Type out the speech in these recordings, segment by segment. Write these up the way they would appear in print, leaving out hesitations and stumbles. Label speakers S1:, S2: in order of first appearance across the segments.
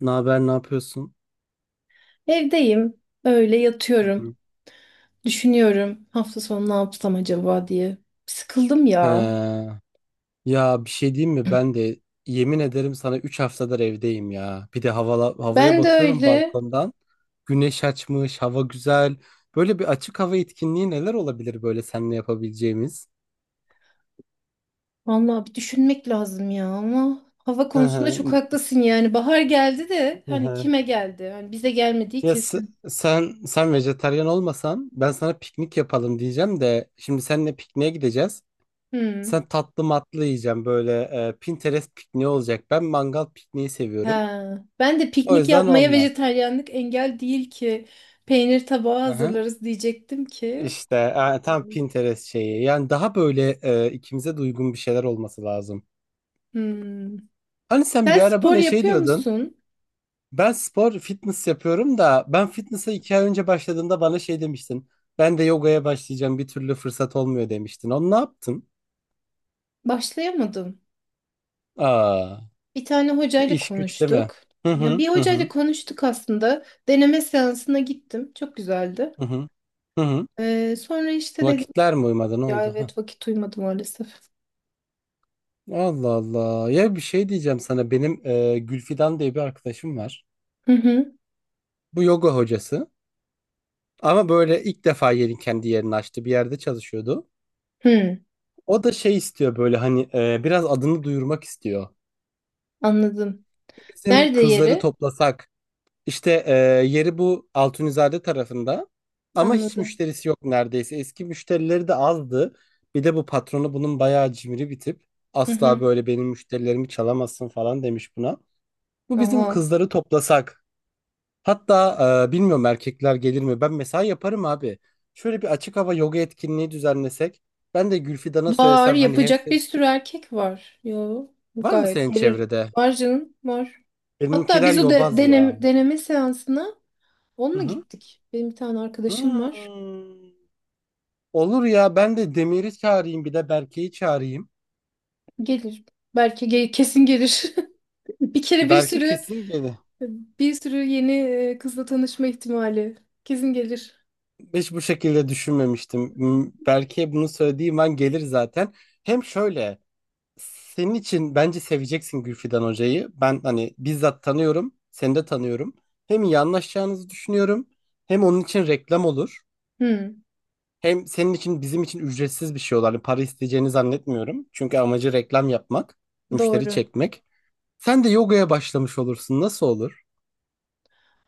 S1: Ne haber, ne yapıyorsun?
S2: Evdeyim, öyle
S1: Hı
S2: yatıyorum.
S1: hı.
S2: Düşünüyorum hafta sonu ne yapsam acaba diye. Sıkıldım ya.
S1: He, ya bir şey diyeyim mi? Ben de yemin ederim sana 3 haftadır evdeyim ya. Bir de havaya
S2: Ben de
S1: bakıyorum
S2: öyle.
S1: balkondan. Güneş açmış, hava güzel. Böyle bir açık hava etkinliği neler olabilir böyle seninle yapabileceğimiz?
S2: Vallahi bir düşünmek lazım ya ama hava
S1: Hı
S2: konusunda çok
S1: hı,
S2: haklısın yani. Bahar geldi de
S1: hı
S2: hani
S1: hı.
S2: kime geldi? Hani bize gelmediği
S1: Ya s-
S2: kesin.
S1: sen vejetaryen olmasan ben sana piknik yapalım diyeceğim de şimdi seninle pikniğe gideceğiz.
S2: Hmm.
S1: Sen tatlı matlı yiyeceğim böyle Pinterest pikniği olacak. Ben mangal pikniği seviyorum.
S2: Ha. Ben de
S1: O
S2: piknik
S1: yüzden
S2: yapmaya
S1: olmaz.
S2: vejetaryenlik engel değil ki. Peynir tabağı
S1: Aha.
S2: hazırlarız diyecektim ki.
S1: İşte tam Pinterest şeyi. Yani daha böyle ikimize de uygun bir şeyler olması lazım.
S2: Hmm.
S1: Hani sen bir
S2: Sen
S1: ara
S2: spor
S1: bana şey
S2: yapıyor
S1: diyordun.
S2: musun?
S1: Ben spor, fitness yapıyorum da ben fitness'a 2 ay önce başladığında bana şey demiştin. Ben de yogaya başlayacağım bir türlü fırsat olmuyor demiştin. Onu ne yaptın?
S2: Başlayamadın.
S1: Aa,
S2: Bir tane hocayla
S1: iş güç değil mi?
S2: konuştuk.
S1: Hı
S2: Ya
S1: hı
S2: bir
S1: hı
S2: hocayla
S1: hı
S2: konuştuk aslında. Deneme seansına gittim. Çok güzeldi.
S1: hı hı. Hı hı.
S2: Sonra işte dedim
S1: Vakitler mi uymadı ne
S2: ya,
S1: oldu? Hah.
S2: evet, vakit uymadı maalesef.
S1: Allah Allah. Ya bir şey diyeceğim sana. Benim Gülfidan diye bir arkadaşım var.
S2: Hı hı.
S1: Bu yoga hocası. Ama böyle ilk defa yerin kendi yerini açtı. Bir yerde çalışıyordu.
S2: Hı,
S1: O da şey istiyor böyle hani biraz adını duyurmak istiyor.
S2: anladım.
S1: Bizim
S2: Nerede
S1: kızları
S2: yeri?
S1: toplasak işte yeri bu Altunizade tarafında ama hiç
S2: Anladım.
S1: müşterisi yok neredeyse. Eski müşterileri de azdı. Bir de bu patronu bunun bayağı cimri bir tip.
S2: Hı
S1: Asla
S2: hı.
S1: böyle benim müşterilerimi çalamazsın falan demiş buna. Bu bizim
S2: Oha.
S1: kızları toplasak. Hatta bilmiyorum erkekler gelir mi? Ben mesela yaparım abi. Şöyle bir açık hava yoga etkinliği düzenlesek. Ben de Gülfidan'a
S2: Var,
S1: söylesem hani hem
S2: yapacak
S1: sen...
S2: bir sürü erkek var. Yo,
S1: Var mı
S2: gayet
S1: senin
S2: gelir.
S1: çevrede?
S2: Var canım, var. Hatta
S1: Benimkiler
S2: biz o de,
S1: yobaz ya.
S2: deneme seansına
S1: Hı
S2: onunla
S1: hı.
S2: gittik. Benim bir tane arkadaşım var.
S1: Hmm. Olur ya ben de Demir'i çağırayım bir de Berke'yi çağırayım.
S2: Gelir. Belki kesin gelir. Bir kere bir
S1: Berke
S2: sürü
S1: kesin gelir.
S2: bir sürü yeni kızla tanışma ihtimali, kesin gelir.
S1: Hiç bu şekilde düşünmemiştim. Hmm, Berke'ye bunu söylediğim an gelir zaten. Hem şöyle senin için bence seveceksin Gülfidan Hoca'yı. Ben hani bizzat tanıyorum, seni de tanıyorum. Hem iyi anlaşacağınızı düşünüyorum, hem onun için reklam olur.
S2: Hı,
S1: Hem senin için bizim için ücretsiz bir şey olur. Hani para isteyeceğini zannetmiyorum. Çünkü amacı reklam yapmak, müşteri
S2: doğru.
S1: çekmek. Sen de yogaya başlamış olursun. Nasıl olur?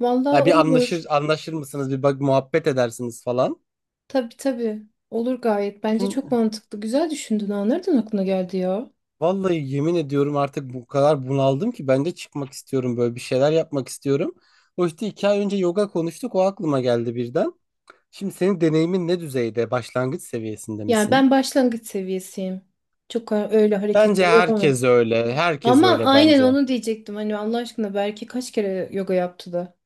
S2: Vallahi
S1: Ya bir
S2: olur.
S1: anlaşır anlaşır mısınız? Bir bak muhabbet edersiniz falan.
S2: Tabii tabii. Olur gayet. Bence çok
S1: Şimdi
S2: mantıklı. Güzel düşündün. Ha. Nereden aklına geldi ya?
S1: vallahi yemin ediyorum artık bu kadar bunaldım ki ben de çıkmak istiyorum böyle bir şeyler yapmak istiyorum. O işte 2 ay önce yoga konuştuk o aklıma geldi birden. Şimdi senin deneyimin ne düzeyde? Başlangıç seviyesinde
S2: Yani ben
S1: misin?
S2: başlangıç seviyesiyim. Çok öyle
S1: Bence
S2: hareketleri yapamam.
S1: herkes öyle. Herkes
S2: Ama
S1: öyle
S2: aynen
S1: bence.
S2: onu diyecektim. Hani Allah aşkına belki kaç kere yoga yaptı da.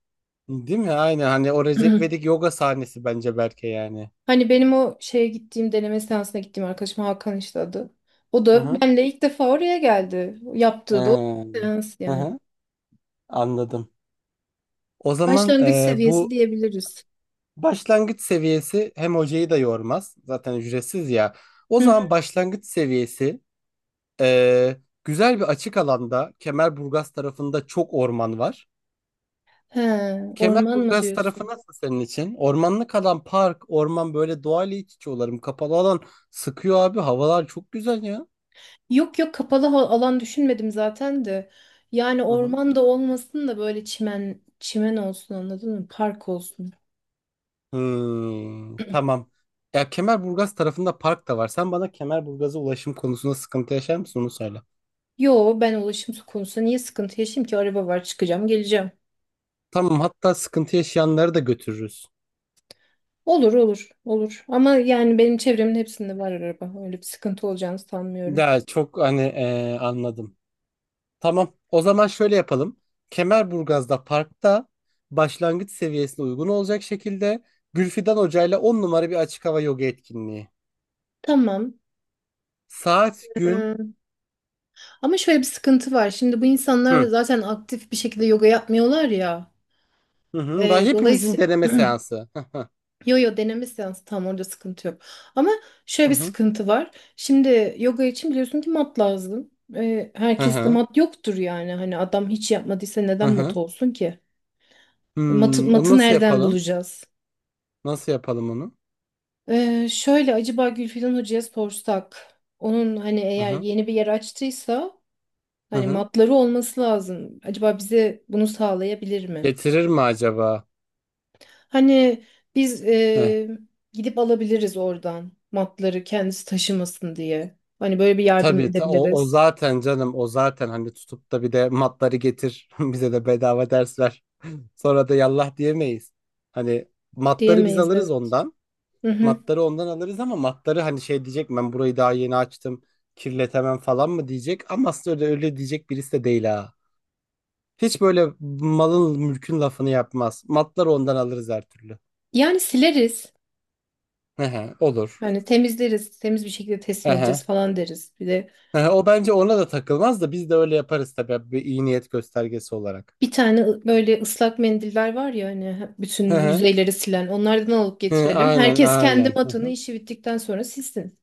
S1: Değil mi? Aynen hani o Recep İvedik yoga sahnesi bence Berke yani.
S2: Hani benim o şeye gittiğim, deneme seansına gittiğim arkadaşım Hakan işte adı. O
S1: Hı
S2: da
S1: hı.
S2: benle ilk defa oraya geldi. Yaptığı da o
S1: Ee,
S2: seans
S1: Hı
S2: yani.
S1: hı. Anladım. O zaman
S2: Başlangıç seviyesi
S1: bu
S2: diyebiliriz.
S1: başlangıç seviyesi hem hocayı da yormaz. Zaten ücretsiz ya. O
S2: Hı
S1: zaman
S2: hı.
S1: başlangıç seviyesi. Güzel bir açık alanda Kemerburgaz tarafında çok orman var.
S2: He, orman mı
S1: Kemerburgaz tarafı
S2: diyorsun?
S1: nasıl senin için? Ormanlık alan, park, orman böyle doğayla iç içe olalım. Kapalı alan sıkıyor abi. Havalar çok güzel ya.
S2: Yok yok, kapalı alan düşünmedim zaten de. Yani
S1: Hı hı.
S2: orman da olmasın da böyle çimen çimen olsun, anladın mı? Park olsun.
S1: Hmm, tamam. Ya Kemerburgaz tarafında park da var. Sen bana Kemerburgaz'a ulaşım konusunda sıkıntı yaşar mısın onu söyle.
S2: Yo, ben ulaşım konusunda niye sıkıntı yaşayayım ki? Araba var, çıkacağım geleceğim.
S1: Tamam hatta sıkıntı yaşayanları da götürürüz.
S2: Olur olur olur. Ama yani benim çevremin hepsinde var araba. Öyle bir sıkıntı olacağını sanmıyorum.
S1: Ya çok hani anladım. Tamam. O zaman şöyle yapalım. Kemerburgaz'da parkta başlangıç seviyesine uygun olacak şekilde Gülfidan Hoca ile 10 numara bir açık hava yoga etkinliği.
S2: Tamam.
S1: Saat, gün.
S2: Ee, Ama şöyle bir sıkıntı var. Şimdi bu insanlar
S1: Hı.
S2: zaten aktif bir şekilde yoga yapmıyorlar ya.
S1: Hı hı. Daha hepimizin
S2: Dolayısıyla,
S1: deneme seansı.
S2: yo yo, deneme seansı tam orada sıkıntı yok. Ama şöyle
S1: Hı
S2: bir
S1: hı.
S2: sıkıntı var. Şimdi yoga için biliyorsun ki mat lazım.
S1: Hı hı.
S2: Herkeste
S1: Hı hı.
S2: mat yoktur yani. Hani adam hiç yapmadıysa
S1: Hı
S2: neden mat
S1: hı.
S2: olsun ki? Matı,
S1: Hmm, onu
S2: matı
S1: nasıl
S2: nereden
S1: yapalım?
S2: bulacağız?
S1: Nasıl yapalım onu?
S2: Şöyle, acaba Gülfidan Hoca'ya sorsak, onun hani
S1: Hı
S2: eğer
S1: hı.
S2: yeni bir yer açtıysa
S1: Hı
S2: hani
S1: hı.
S2: matları olması lazım. Acaba bize bunu sağlayabilir mi?
S1: Getirir mi acaba?
S2: Hani biz
S1: Heh.
S2: gidip alabiliriz oradan matları, kendisi taşımasın diye. Hani böyle bir yardım
S1: Tabii o
S2: edebiliriz.
S1: zaten canım o zaten hani tutup da bir de matları getir bize de bedava ders ver. Sonra da yallah diyemeyiz. Hani matları biz
S2: Diyemeyiz,
S1: alırız
S2: evet.
S1: ondan.
S2: Hı hı.
S1: Matları ondan alırız ama matları hani şey diyecek ben burayı daha yeni açtım kirletemem falan mı diyecek. Ama aslında öyle, öyle diyecek birisi de değil ha. Hiç böyle malın mülkün lafını yapmaz. Matları ondan alırız her türlü.
S2: Yani sileriz.
S1: Ehe, olur.
S2: Hani temizleriz. Temiz bir şekilde teslim edeceğiz
S1: Ehe.
S2: falan deriz. Bir de
S1: Ehe, o bence ona da takılmaz da biz de öyle yaparız tabii bir iyi niyet göstergesi olarak.
S2: bir tane böyle ıslak mendiller var ya hani bütün
S1: Ehe.
S2: yüzeyleri silen, onlardan alıp
S1: Hı, hı,
S2: getirelim.
S1: aynen
S2: Herkes kendi
S1: aynen. Hı
S2: matını
S1: hı.
S2: işi bittikten sonra silsin.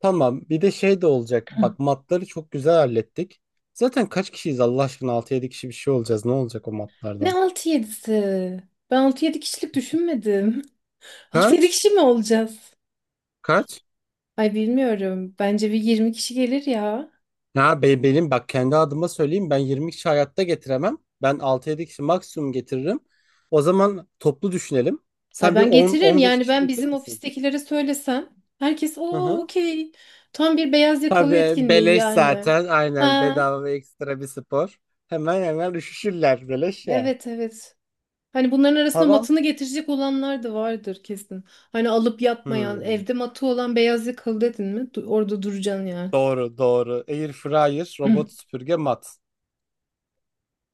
S1: Tamam. Bir de şey de olacak. Bak matları çok güzel hallettik. Zaten kaç kişiyiz Allah aşkına? 6-7 kişi bir şey olacağız. Ne olacak o
S2: Ne
S1: matlardan?
S2: altı yedisi? Ben altı yedi kişilik düşünmedim. Altı yedi
S1: Kaç?
S2: kişi mi olacağız?
S1: Kaç?
S2: Ay, bilmiyorum. Bence bir 20 kişi gelir ya.
S1: Benim bak kendi adıma söyleyeyim. Ben 20 kişi hayatta getiremem. Ben 6-7 kişi maksimum getiririm. O zaman toplu düşünelim.
S2: Ay
S1: Sen bir
S2: ben
S1: on
S2: getiririm
S1: on beş
S2: yani,
S1: kişi
S2: ben
S1: getirir
S2: bizim
S1: misin?
S2: ofistekilere söylesem. Herkes
S1: Hı
S2: o
S1: hı.
S2: okey. Tam bir beyaz yakalı
S1: Tabii
S2: etkinliği
S1: beleş
S2: yani.
S1: zaten. Aynen
S2: Ha,
S1: bedava ve ekstra bir spor. Hemen hemen üşüşürler beleş ya.
S2: evet evet. Hani bunların arasında
S1: Tamam.
S2: matını getirecek olanlar da vardır kesin. Hani alıp yatmayan,
S1: Hmm.
S2: evde matı olan, beyaz yakalı dedin mi? Orada duracaksın yani.
S1: Doğru, doğru. Air fryer, robot süpürge, mat.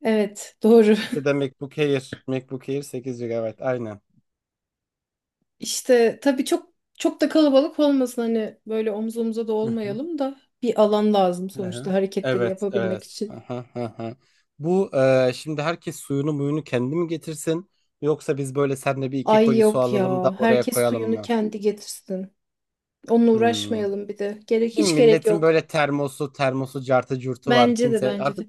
S2: Evet, doğru.
S1: Bir de MacBook Air. MacBook Air 8 gigabayt. Evet, aynen.
S2: İşte tabii çok çok da kalabalık olmasın, hani böyle omuz omuza da
S1: Hı hı,
S2: olmayalım da, bir alan lazım
S1: hı
S2: sonuçta
S1: hı.
S2: hareketleri
S1: Evet,
S2: yapabilmek
S1: evet. Hı
S2: için.
S1: hı, hı hı. Bu şimdi herkes suyunu muyunu kendi mi getirsin? Yoksa biz böyle senle bir iki
S2: Ay
S1: koli su
S2: yok
S1: alalım
S2: ya.
S1: da oraya
S2: Herkes
S1: koyalım
S2: suyunu
S1: mı?
S2: kendi getirsin. Onunla
S1: Hmm.
S2: uğraşmayalım bir de. Gerek,
S1: Değil mi?
S2: hiç gerek
S1: Milletin
S2: yok.
S1: böyle termosu, termosu, cartı curtu var.
S2: Bence de,
S1: Kimse
S2: bence
S1: artık
S2: de.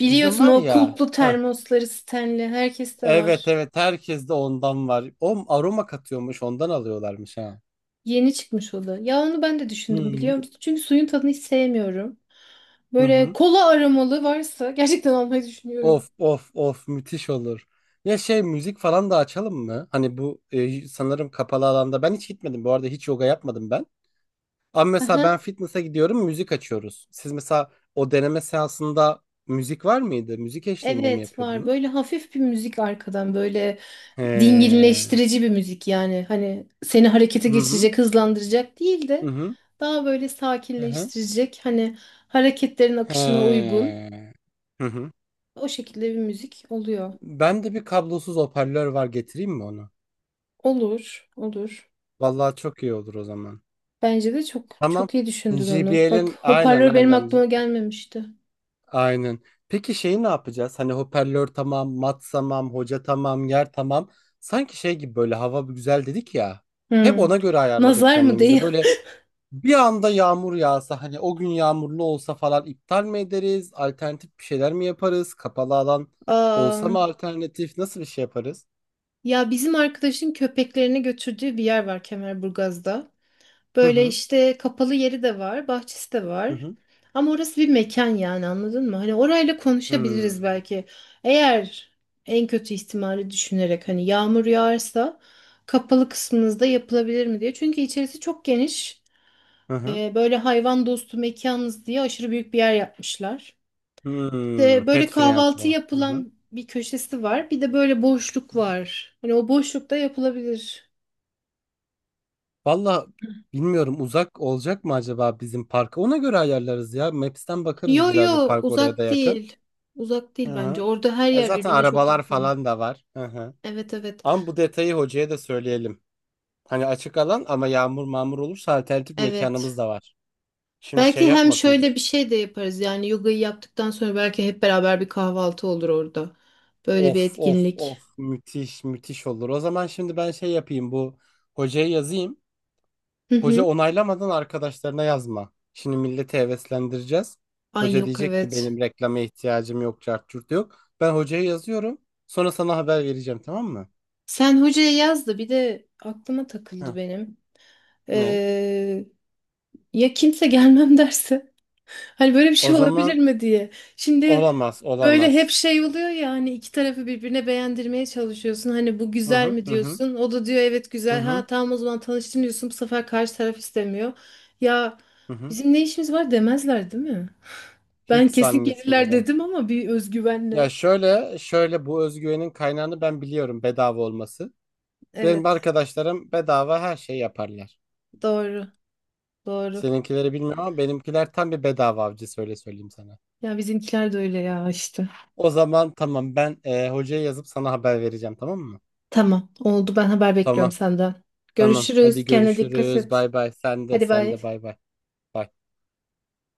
S1: bizim
S2: Biliyorsun
S1: var
S2: o
S1: ya.
S2: kulplu
S1: Heh.
S2: termosları, Stanley, herkeste
S1: Evet,
S2: var.
S1: evet. Herkes de ondan var. O aroma katıyormuş, ondan alıyorlarmış ha.
S2: Yeni çıkmış o da. Ya onu ben de
S1: Hı
S2: düşündüm,
S1: hı.
S2: biliyor musun? Çünkü suyun tadını hiç sevmiyorum.
S1: Hı
S2: Böyle
S1: hı.
S2: kola aromalı varsa gerçekten almayı düşünüyorum.
S1: Of of of müthiş olur. Ya şey müzik falan da açalım mı? Hani bu sanırım kapalı alanda ben hiç gitmedim bu arada hiç yoga yapmadım ben. Ama mesela
S2: Aha,
S1: ben fitness'a gidiyorum müzik açıyoruz. Siz mesela o deneme seansında müzik var mıydı? Müzik eşliğinde mi
S2: evet var.
S1: yapıyordunuz?
S2: Böyle hafif bir müzik arkadan, böyle
S1: He.
S2: dinginleştirici bir müzik yani. Hani seni harekete
S1: Hı hı.
S2: geçirecek, hızlandıracak değil
S1: Hı
S2: de
S1: hı.
S2: daha böyle
S1: Hı hı.
S2: sakinleştirecek. Hani hareketlerin akışına
S1: He.
S2: uygun.
S1: Hı hı.
S2: O şekilde bir müzik oluyor.
S1: Ben de bir kablosuz hoparlör var getireyim mi onu?
S2: Olur, olur.
S1: Vallahi çok iyi olur o zaman.
S2: Bence de çok
S1: Tamam.
S2: çok iyi düşündün onu.
S1: JBL'in
S2: Bak,
S1: aynen
S2: hoparlör benim
S1: aynen.
S2: aklıma gelmemişti.
S1: Aynen. Peki şeyi ne yapacağız? Hani hoparlör tamam, mat tamam, hoca tamam, yer tamam. Sanki şey gibi böyle hava bir güzel dedik ya. Hep
S2: Hmm.
S1: ona göre ayarladık
S2: Nazar mı
S1: kendimizi.
S2: değil?
S1: Böyle bir anda yağmur yağsa hani o gün yağmurlu olsa falan iptal mi ederiz? Alternatif bir şeyler mi yaparız? Kapalı alan olsa
S2: Aa,
S1: mı alternatif? Nasıl bir şey yaparız?
S2: ya bizim arkadaşın köpeklerini götürdüğü bir yer var Kemerburgaz'da.
S1: Hı
S2: Böyle
S1: hı.
S2: işte kapalı yeri de var, bahçesi de
S1: Hı
S2: var.
S1: hı.
S2: Ama orası bir mekan yani, anladın mı? Hani orayla konuşabiliriz
S1: Hmm.
S2: belki. Eğer en kötü ihtimali düşünerek, hani yağmur yağarsa kapalı kısmınızda yapılabilir mi diye. Çünkü içerisi çok geniş.
S1: Hı hı.
S2: Böyle hayvan dostu mekanız diye aşırı büyük bir yer yapmışlar.
S1: Hmm.
S2: Böyle
S1: Pet
S2: kahvaltı
S1: friendly. Hı hı.
S2: yapılan bir köşesi var. Bir de böyle boşluk var. Hani o boşlukta yapılabilir.
S1: Valla bilmiyorum uzak olacak mı acaba bizim parka? Ona göre ayarlarız ya. Maps'ten bakarız
S2: Yo
S1: güzel bir
S2: yo,
S1: park oraya da
S2: uzak
S1: yakın.
S2: değil. Uzak
S1: Hı
S2: değil bence.
S1: hı.
S2: Orada her
S1: E
S2: yer
S1: zaten
S2: birbirine çok
S1: arabalar
S2: yakın.
S1: falan da var. Hı hı.
S2: Evet evet.
S1: Ama bu detayı hocaya da söyleyelim. Hani açık alan ama yağmur mağmur olursa alternatif mekanımız
S2: Evet.
S1: da var. Şimdi şey
S2: Belki hem
S1: yapmasın.
S2: şöyle bir şey de yaparız. Yani yogayı yaptıktan sonra belki hep beraber bir kahvaltı olur orada. Böyle bir
S1: Of of
S2: etkinlik.
S1: of müthiş müthiş olur. O zaman şimdi ben şey yapayım bu hocaya yazayım.
S2: Hı
S1: Hoca
S2: hı.
S1: onaylamadan arkadaşlarına yazma. Şimdi milleti heveslendireceğiz.
S2: Ay,
S1: Hoca
S2: yok,
S1: diyecek ki
S2: evet.
S1: benim reklama ihtiyacım yok, cart curt yok. Ben hocaya yazıyorum. Sonra sana haber vereceğim tamam mı?
S2: Sen hocaya yaz da, bir de aklıma
S1: Heh,
S2: takıldı benim.
S1: ne?
S2: Ee, Ya kimse gelmem derse? Hani böyle bir
S1: O
S2: şey olabilir
S1: zaman
S2: mi diye. Şimdi
S1: olamaz,
S2: böyle hep
S1: olamaz.
S2: şey oluyor ya, hani iki tarafı birbirine beğendirmeye çalışıyorsun. Hani bu
S1: Hı
S2: güzel
S1: hı,
S2: mi
S1: hı hı,
S2: diyorsun. O da diyor evet
S1: hı
S2: güzel.
S1: hı,
S2: Ha tamam, o zaman tanıştın diyorsun. Bu sefer karşı taraf istemiyor. Ya
S1: hı hı.
S2: bizim ne işimiz var demezler değil mi? Ben
S1: Hiç
S2: kesin gelirler
S1: zannetmiyorum.
S2: dedim ama bir
S1: Ya
S2: özgüvenle.
S1: şöyle, şöyle bu özgüvenin kaynağını ben biliyorum bedava olması. Benim
S2: Evet,
S1: arkadaşlarım bedava her şey yaparlar.
S2: doğru doğru.
S1: Seninkileri bilmiyorum ama benimkiler tam bir bedava avcısı öyle söyleyeyim sana.
S2: Ya bizimkiler de öyle ya işte.
S1: O zaman tamam ben hocaya yazıp sana haber vereceğim tamam mı?
S2: Tamam oldu, ben haber bekliyorum
S1: Tamam
S2: senden.
S1: tamam hadi
S2: Görüşürüz, kendine dikkat
S1: görüşürüz
S2: et.
S1: bay bay sen de
S2: Hadi
S1: sen de
S2: bay.
S1: bay bay. Bay.